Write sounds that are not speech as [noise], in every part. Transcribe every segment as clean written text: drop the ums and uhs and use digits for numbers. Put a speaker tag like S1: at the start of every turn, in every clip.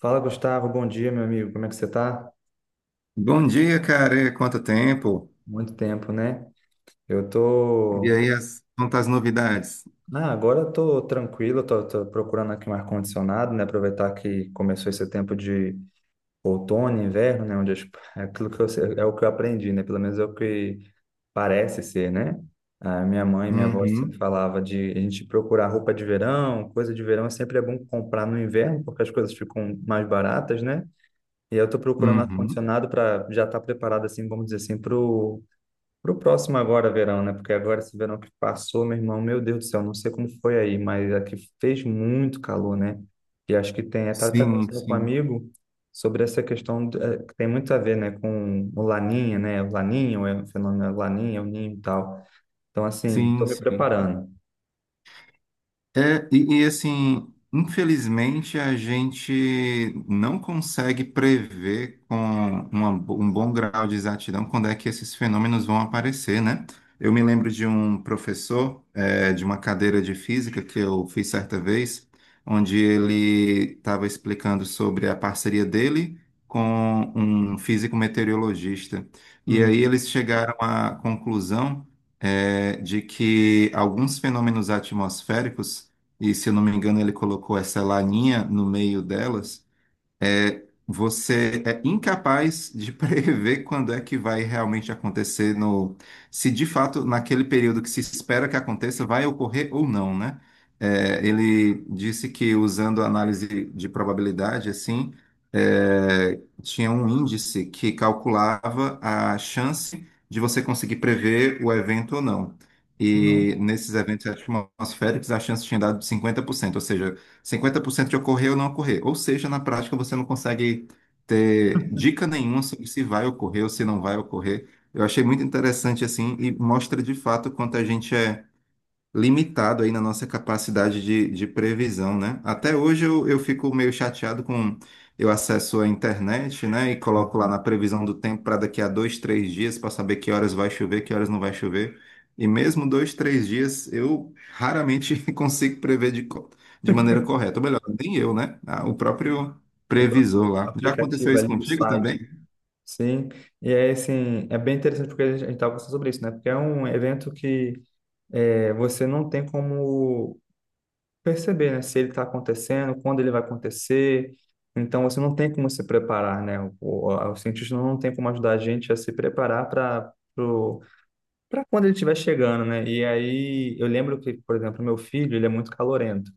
S1: Fala, Gustavo. Bom dia, meu amigo. Como é que você tá?
S2: Bom dia, cara. Quanto tempo?
S1: Muito tempo, né? Eu
S2: E
S1: tô.
S2: aí, quantas novidades?
S1: Ah, agora eu tô tranquilo, tô procurando aqui um ar-condicionado, né? Aproveitar que começou esse tempo de outono, inverno, né? É aquilo que é o que eu aprendi, né? Pelo menos é o que parece ser, né? A minha mãe e minha avó sempre
S2: Uhum,
S1: falava de a gente procurar roupa de verão, coisa de verão, é sempre é bom comprar no inverno, porque as coisas ficam mais baratas, né? E eu tô procurando um
S2: uhum.
S1: ar-condicionado para já estar preparado, assim, vamos dizer assim, para pro próximo agora, verão, né? Porque agora esse verão que passou, meu irmão, meu Deus do céu, não sei como foi aí, mas aqui fez muito calor, né? E acho que tem, eu tava até
S2: Sim,
S1: conversando com um
S2: sim,
S1: amigo sobre essa questão, que tem muito a ver, né, com o Laninha, né? O Laninho, é o fenômeno Laninha, é o Ninho e tal. Então, assim, estou
S2: sim,
S1: me
S2: sim.
S1: preparando.
S2: Assim, infelizmente a gente não consegue prever com um bom grau de exatidão quando é que esses fenômenos vão aparecer, né? Eu me lembro de um professor, de uma cadeira de física que eu fiz certa vez, onde ele estava explicando sobre a parceria dele com um físico meteorologista. E aí
S1: Uhum.
S2: eles chegaram à conclusão, de que alguns fenômenos atmosféricos e se eu não me engano, ele colocou essa laninha no meio delas você é incapaz de [laughs] prever quando é que vai realmente acontecer se de fato naquele período que se espera que aconteça vai ocorrer ou não, né? Ele disse que usando a análise de probabilidade, assim, tinha um índice que calculava a chance de você conseguir prever o evento ou não.
S1: Nossa.
S2: E nesses eventos atmosféricos, a chance tinha dado 50%, ou seja, 50% de ocorrer ou não ocorrer. Ou seja, na prática você não consegue ter dica nenhuma sobre se vai ocorrer ou se não vai ocorrer. Eu achei muito interessante assim e mostra de fato quanto a gente é limitado aí na nossa capacidade de previsão, né? Até hoje eu fico meio chateado com... Eu acesso a internet, né, e coloco lá
S1: Uhum.
S2: na previsão do tempo para daqui a dois, três dias para saber que horas vai chover, que horas não vai chover. E mesmo dois, três dias, eu raramente [laughs] consigo prever de maneira correta. Ou melhor, nem eu, né? Ah, o próprio
S1: O
S2: previsor
S1: próprio
S2: lá. Já aconteceu
S1: aplicativo
S2: isso
S1: ali, o
S2: contigo
S1: site.
S2: também?
S1: Sim, e é assim, é bem interessante porque a gente estava conversando sobre isso, né? Porque é um evento que é, você não tem como perceber, né, se ele está acontecendo, quando ele vai acontecer. Então, você não tem como se preparar, né? O cientista não tem como ajudar a gente a se preparar para quando ele estiver chegando, né? E aí, eu lembro que, por exemplo, meu filho, ele é muito calorento.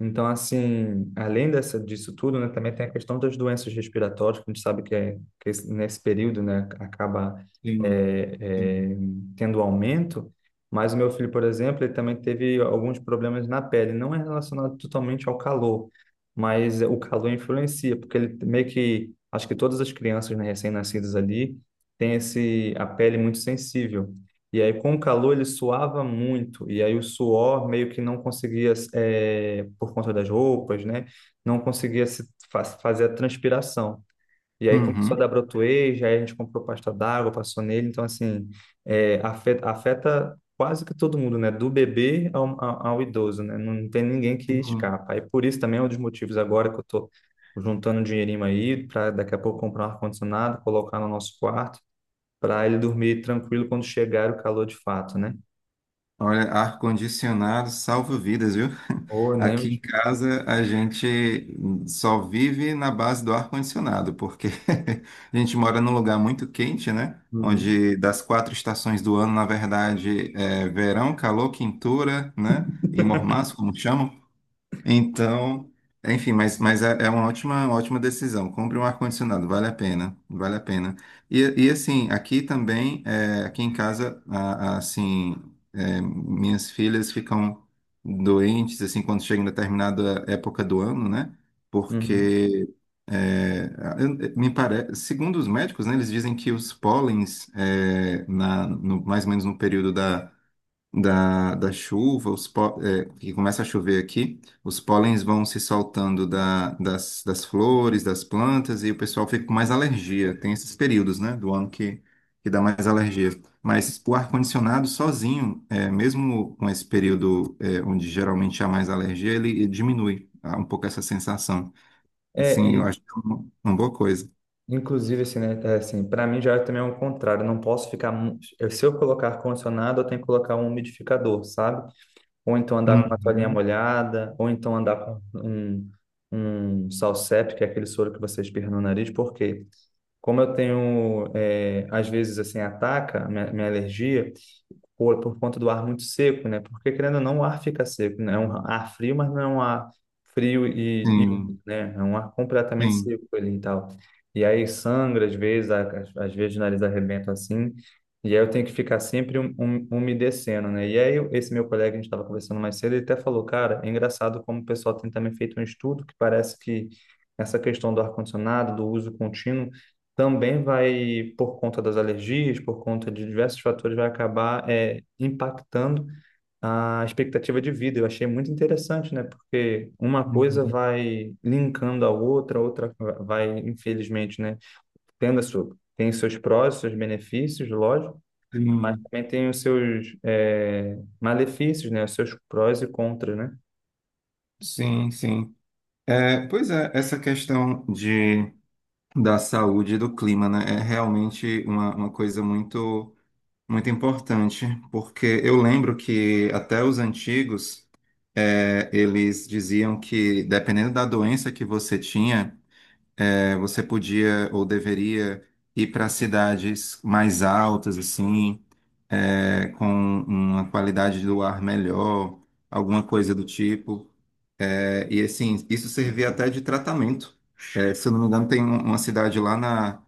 S1: Então, assim, além dessa, disso tudo, né, também tem a questão das doenças respiratórias, que a gente sabe que, é, que nesse período, né, acaba
S2: Sim.
S1: é,
S2: Sim.
S1: é, tendo aumento. Mas o meu filho, por exemplo, ele também teve alguns problemas na pele. Não é relacionado totalmente ao calor, mas o calor influencia, porque ele meio que, acho que todas as crianças, né, recém-nascidas ali, têm esse, a pele muito sensível. E aí, com o calor, ele suava muito. E aí, o suor meio que não conseguia, é, por conta das roupas, né? Não conseguia se fazer a transpiração. E aí começou a dar
S2: Uhum.
S1: brotoeja, aí a gente comprou pasta d'água, passou nele. Então, assim, é, afeta quase que todo mundo, né? Do bebê ao idoso, né? Não tem ninguém que
S2: Sim.
S1: escapa. Aí, por isso também é um dos motivos agora que eu tô juntando um dinheirinho aí para daqui a pouco comprar um ar-condicionado, colocar no nosso quarto para ele dormir tranquilo quando chegar o calor de fato, né?
S2: Olha, ar-condicionado salva vidas, viu? [laughs]
S1: Ou nem.
S2: Aqui em casa a gente só vive na base do ar-condicionado, porque [laughs] a gente mora num lugar muito quente, né?
S1: Uhum.
S2: Onde das quatro estações do ano, na verdade, é verão, calor, quintura, né? E
S1: [laughs]
S2: mormaço, como chamam. Então, enfim, mas, é uma ótima decisão. Compre um ar-condicionado, vale a pena, vale a pena. E assim, aqui também, aqui em casa, assim, minhas filhas ficam doentes, assim, quando chega em determinada época do ano, né?
S1: Uhum.
S2: Porque, é, me parece, segundo os médicos, né, eles dizem que os pólens, é, na, no, mais ou menos no período da chuva, que começa a chover aqui, os pólens vão se soltando das flores, das plantas, e o pessoal fica com mais alergia. Tem esses períodos, né, do ano que dá mais alergia. Mas o ar-condicionado sozinho, mesmo com esse período, onde geralmente há mais alergia, ele diminui um pouco essa sensação.
S1: É,
S2: Sim, eu
S1: e
S2: acho que é uma boa coisa.
S1: inclusive assim, né, é assim, para mim já também é o contrário, eu não posso ficar, se eu colocar ar-condicionado, eu tenho que colocar um umidificador, sabe? Ou então andar com uma toalhinha
S2: Uhum.
S1: molhada, ou então andar com um Salsep, que é aquele soro que você espirra no nariz, porque como eu tenho, é, às vezes assim, ataca a minha alergia, por conta do ar muito seco, né? Porque querendo ou não, o ar fica seco, né? É um ar frio, mas não é um ar frio e
S2: Sim,
S1: úmido, né? É um ar completamente
S2: sim.
S1: seco ali e tal. E aí sangra às vezes, às vezes o nariz arrebenta assim. E aí eu tenho que ficar sempre umedecendo, né? E aí esse meu colega, a gente estava conversando mais cedo, ele até falou, cara, é engraçado como o pessoal tem também feito um estudo que parece que essa questão do ar-condicionado, do uso contínuo, também vai, por conta das alergias, por conta de diversos fatores, vai acabar é, impactando a expectativa de vida. Eu achei muito interessante, né? Porque uma coisa
S2: Uhum.
S1: vai linkando a outra vai, infelizmente, né? Tendo a sua, tem seus prós, seus benefícios, lógico, mas também tem os seus é, malefícios, né? Os seus prós e contras, né?
S2: Sim, sim, sim. É, pois é, essa questão da saúde e do clima, né, é realmente uma coisa muito importante, porque eu lembro que até os antigos, eles diziam que dependendo da doença que você tinha, você podia ou deveria ir para cidades mais altas, assim, com uma qualidade do ar melhor, alguma coisa do tipo. É, e assim, isso servia até de tratamento. É, se eu não me engano, tem uma cidade lá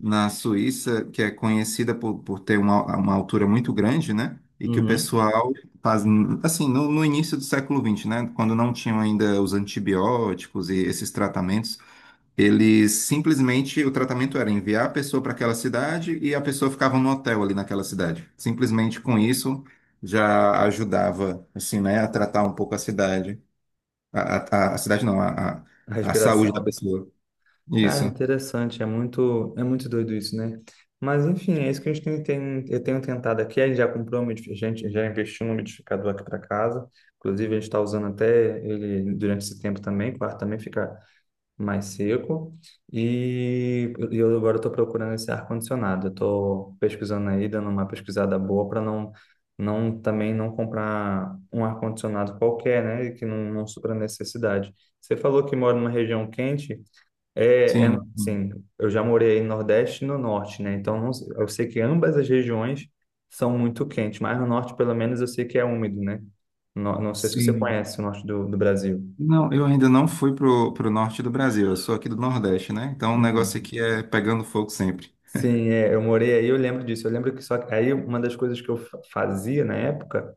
S2: na Suíça que é conhecida por ter uma altura muito grande, né? E que o
S1: Uhum.
S2: pessoal faz, assim, no início do século XX, né? Quando não tinham ainda os antibióticos e esses tratamentos, eles simplesmente, o tratamento era enviar a pessoa para aquela cidade e a pessoa ficava no hotel ali naquela cidade. Simplesmente com isso já ajudava, assim, né, a tratar um pouco a cidade. A cidade não,
S1: A
S2: a saúde da
S1: respiração.
S2: pessoa.
S1: Ah,
S2: Isso.
S1: interessante, é muito doido isso, né? Mas enfim, é isso que a gente tem, eu tenho tentado aqui, a gente já comprou, a gente já investiu no umidificador aqui para casa, inclusive a gente está usando até ele durante esse tempo também, o quarto também fica mais seco, e eu agora estou procurando esse ar-condicionado, eu estou pesquisando aí, dando uma pesquisada boa para não, também não comprar um ar-condicionado qualquer, né, e que não supra a necessidade. Você falou que mora numa região quente,
S2: Sim,
S1: assim, eu já morei no Nordeste e no Norte, né? Eu sei que ambas as regiões são muito quentes, mas no Norte, pelo menos, eu sei que é úmido, né? Não sei se você
S2: sim.
S1: conhece o Norte do Brasil.
S2: Não, eu ainda não fui pro norte do Brasil, eu sou aqui do Nordeste, né? Então o negócio
S1: Uhum.
S2: aqui é pegando fogo sempre.
S1: Sim, é, eu morei aí, eu lembro disso. Eu lembro que só que aí uma das coisas que eu fazia na época,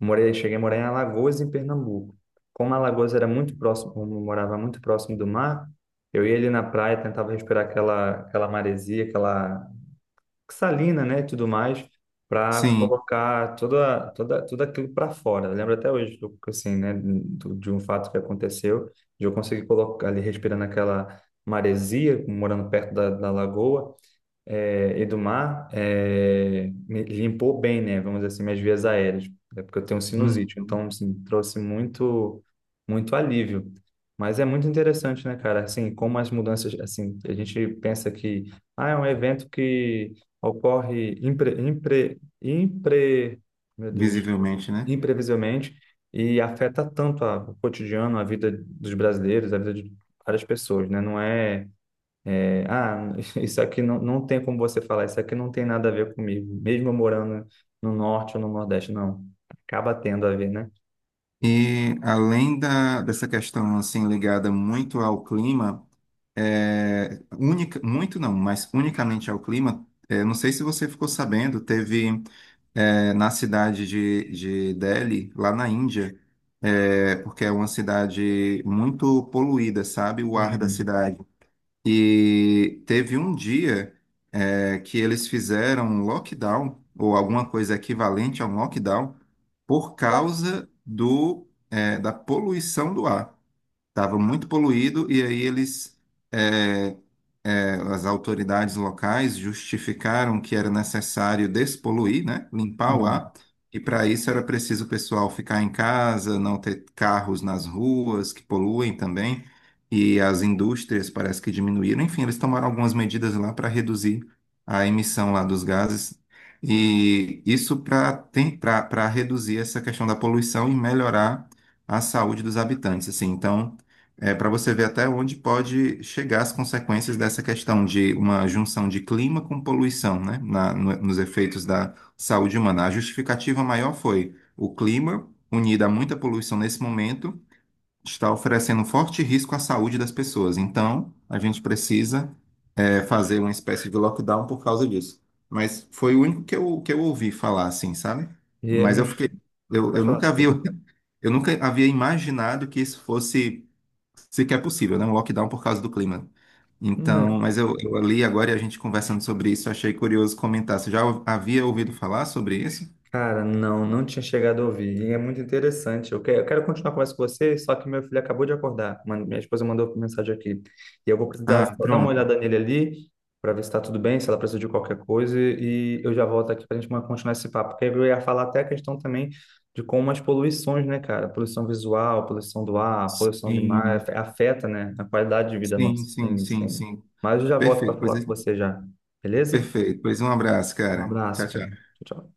S1: morei, cheguei a morar em Alagoas, em Pernambuco. Como Alagoas era muito próximo, como eu morava muito próximo do mar, eu ia ali na praia, tentava respirar aquela maresia, aquela salina, né, e tudo mais, para
S2: Sim,
S1: colocar tudo aquilo para fora. Eu lembro até hoje, assim, né, de um fato que aconteceu, de eu conseguir colocar ali respirando aquela maresia, morando perto da lagoa, é, Edumar é, me limpou bem, né? Vamos dizer assim, minhas vias aéreas, é porque eu tenho sinusite,
S2: uhum.
S1: então assim, trouxe muito, muito alívio. Mas é muito interessante, né, cara? Assim, como as mudanças, assim, a gente pensa que ah, é um evento que ocorre meu Deus,
S2: Visivelmente, né?
S1: imprevisivelmente e afeta tanto o cotidiano, a vida dos brasileiros, a vida de várias pessoas, né? Não é é, ah, [laughs] isso aqui não tem como você falar, isso aqui não tem nada a ver comigo, mesmo eu morando no norte ou no nordeste, não. Acaba tendo a ver, né?
S2: E além dessa questão assim ligada muito ao clima, é, única, muito não, mas unicamente ao clima, é, não sei se você ficou sabendo, teve. É, na cidade de Delhi, lá na Índia, é, porque é uma cidade muito poluída, sabe? O ar da
S1: Uhum.
S2: cidade. E teve um dia, que eles fizeram um lockdown, ou alguma coisa equivalente a um lockdown, por causa da poluição do ar. Estava muito poluído e aí eles. é, As autoridades locais justificaram que era necessário despoluir, né, limpar
S1: Uhum.
S2: o
S1: Uhum.
S2: ar, e para isso era preciso o pessoal ficar em casa, não ter carros nas ruas que poluem também, e as indústrias parece que diminuíram. Enfim, eles tomaram algumas medidas lá para reduzir a emissão lá dos gases. E isso para reduzir essa questão da poluição e melhorar a saúde dos habitantes. Assim, então, é, para você ver até onde pode chegar as consequências dessa questão de uma junção de clima com poluição, né, nos efeitos da saúde humana. A justificativa maior foi o clima, unido a muita poluição nesse momento, está oferecendo forte risco à saúde das pessoas. Então, a gente precisa, é, fazer uma espécie de lockdown por causa disso. Mas foi o único que que eu ouvi falar, assim, sabe?
S1: E é
S2: Mas eu
S1: muito.
S2: fiquei, eu
S1: Pode falar,
S2: nunca havia
S1: desculpa.
S2: [laughs] eu nunca havia imaginado que isso fosse sequer possível, né? Um lockdown por causa do clima. Então, mas eu li agora e a gente conversando sobre isso, achei curioso comentar. Você já havia ouvido falar sobre isso?
S1: Cara, não, não tinha chegado a ouvir. E é muito interessante. Eu quero continuar a conversa com você, só que meu filho acabou de acordar. Minha esposa mandou mensagem aqui. E eu vou precisar
S2: Ah,
S1: só dar uma
S2: pronto.
S1: olhada nele ali, para ver se está tudo bem, se ela precisa de qualquer coisa. E eu já volto aqui para a gente continuar esse papo. Porque eu ia falar até a questão também de como as poluições, né, cara? Poluição visual, poluição do ar, poluição do mar,
S2: Sim,
S1: afeta, né, a qualidade de vida nossa.
S2: sim, sim,
S1: Sim,
S2: sim,
S1: sim.
S2: sim.
S1: Mas eu já volto para
S2: Perfeito, pois,
S1: falar com você já. Beleza?
S2: perfeito. Pois um abraço,
S1: Um
S2: cara. Tchau,
S1: abraço, cara.
S2: tchau.
S1: Tchau, tchau.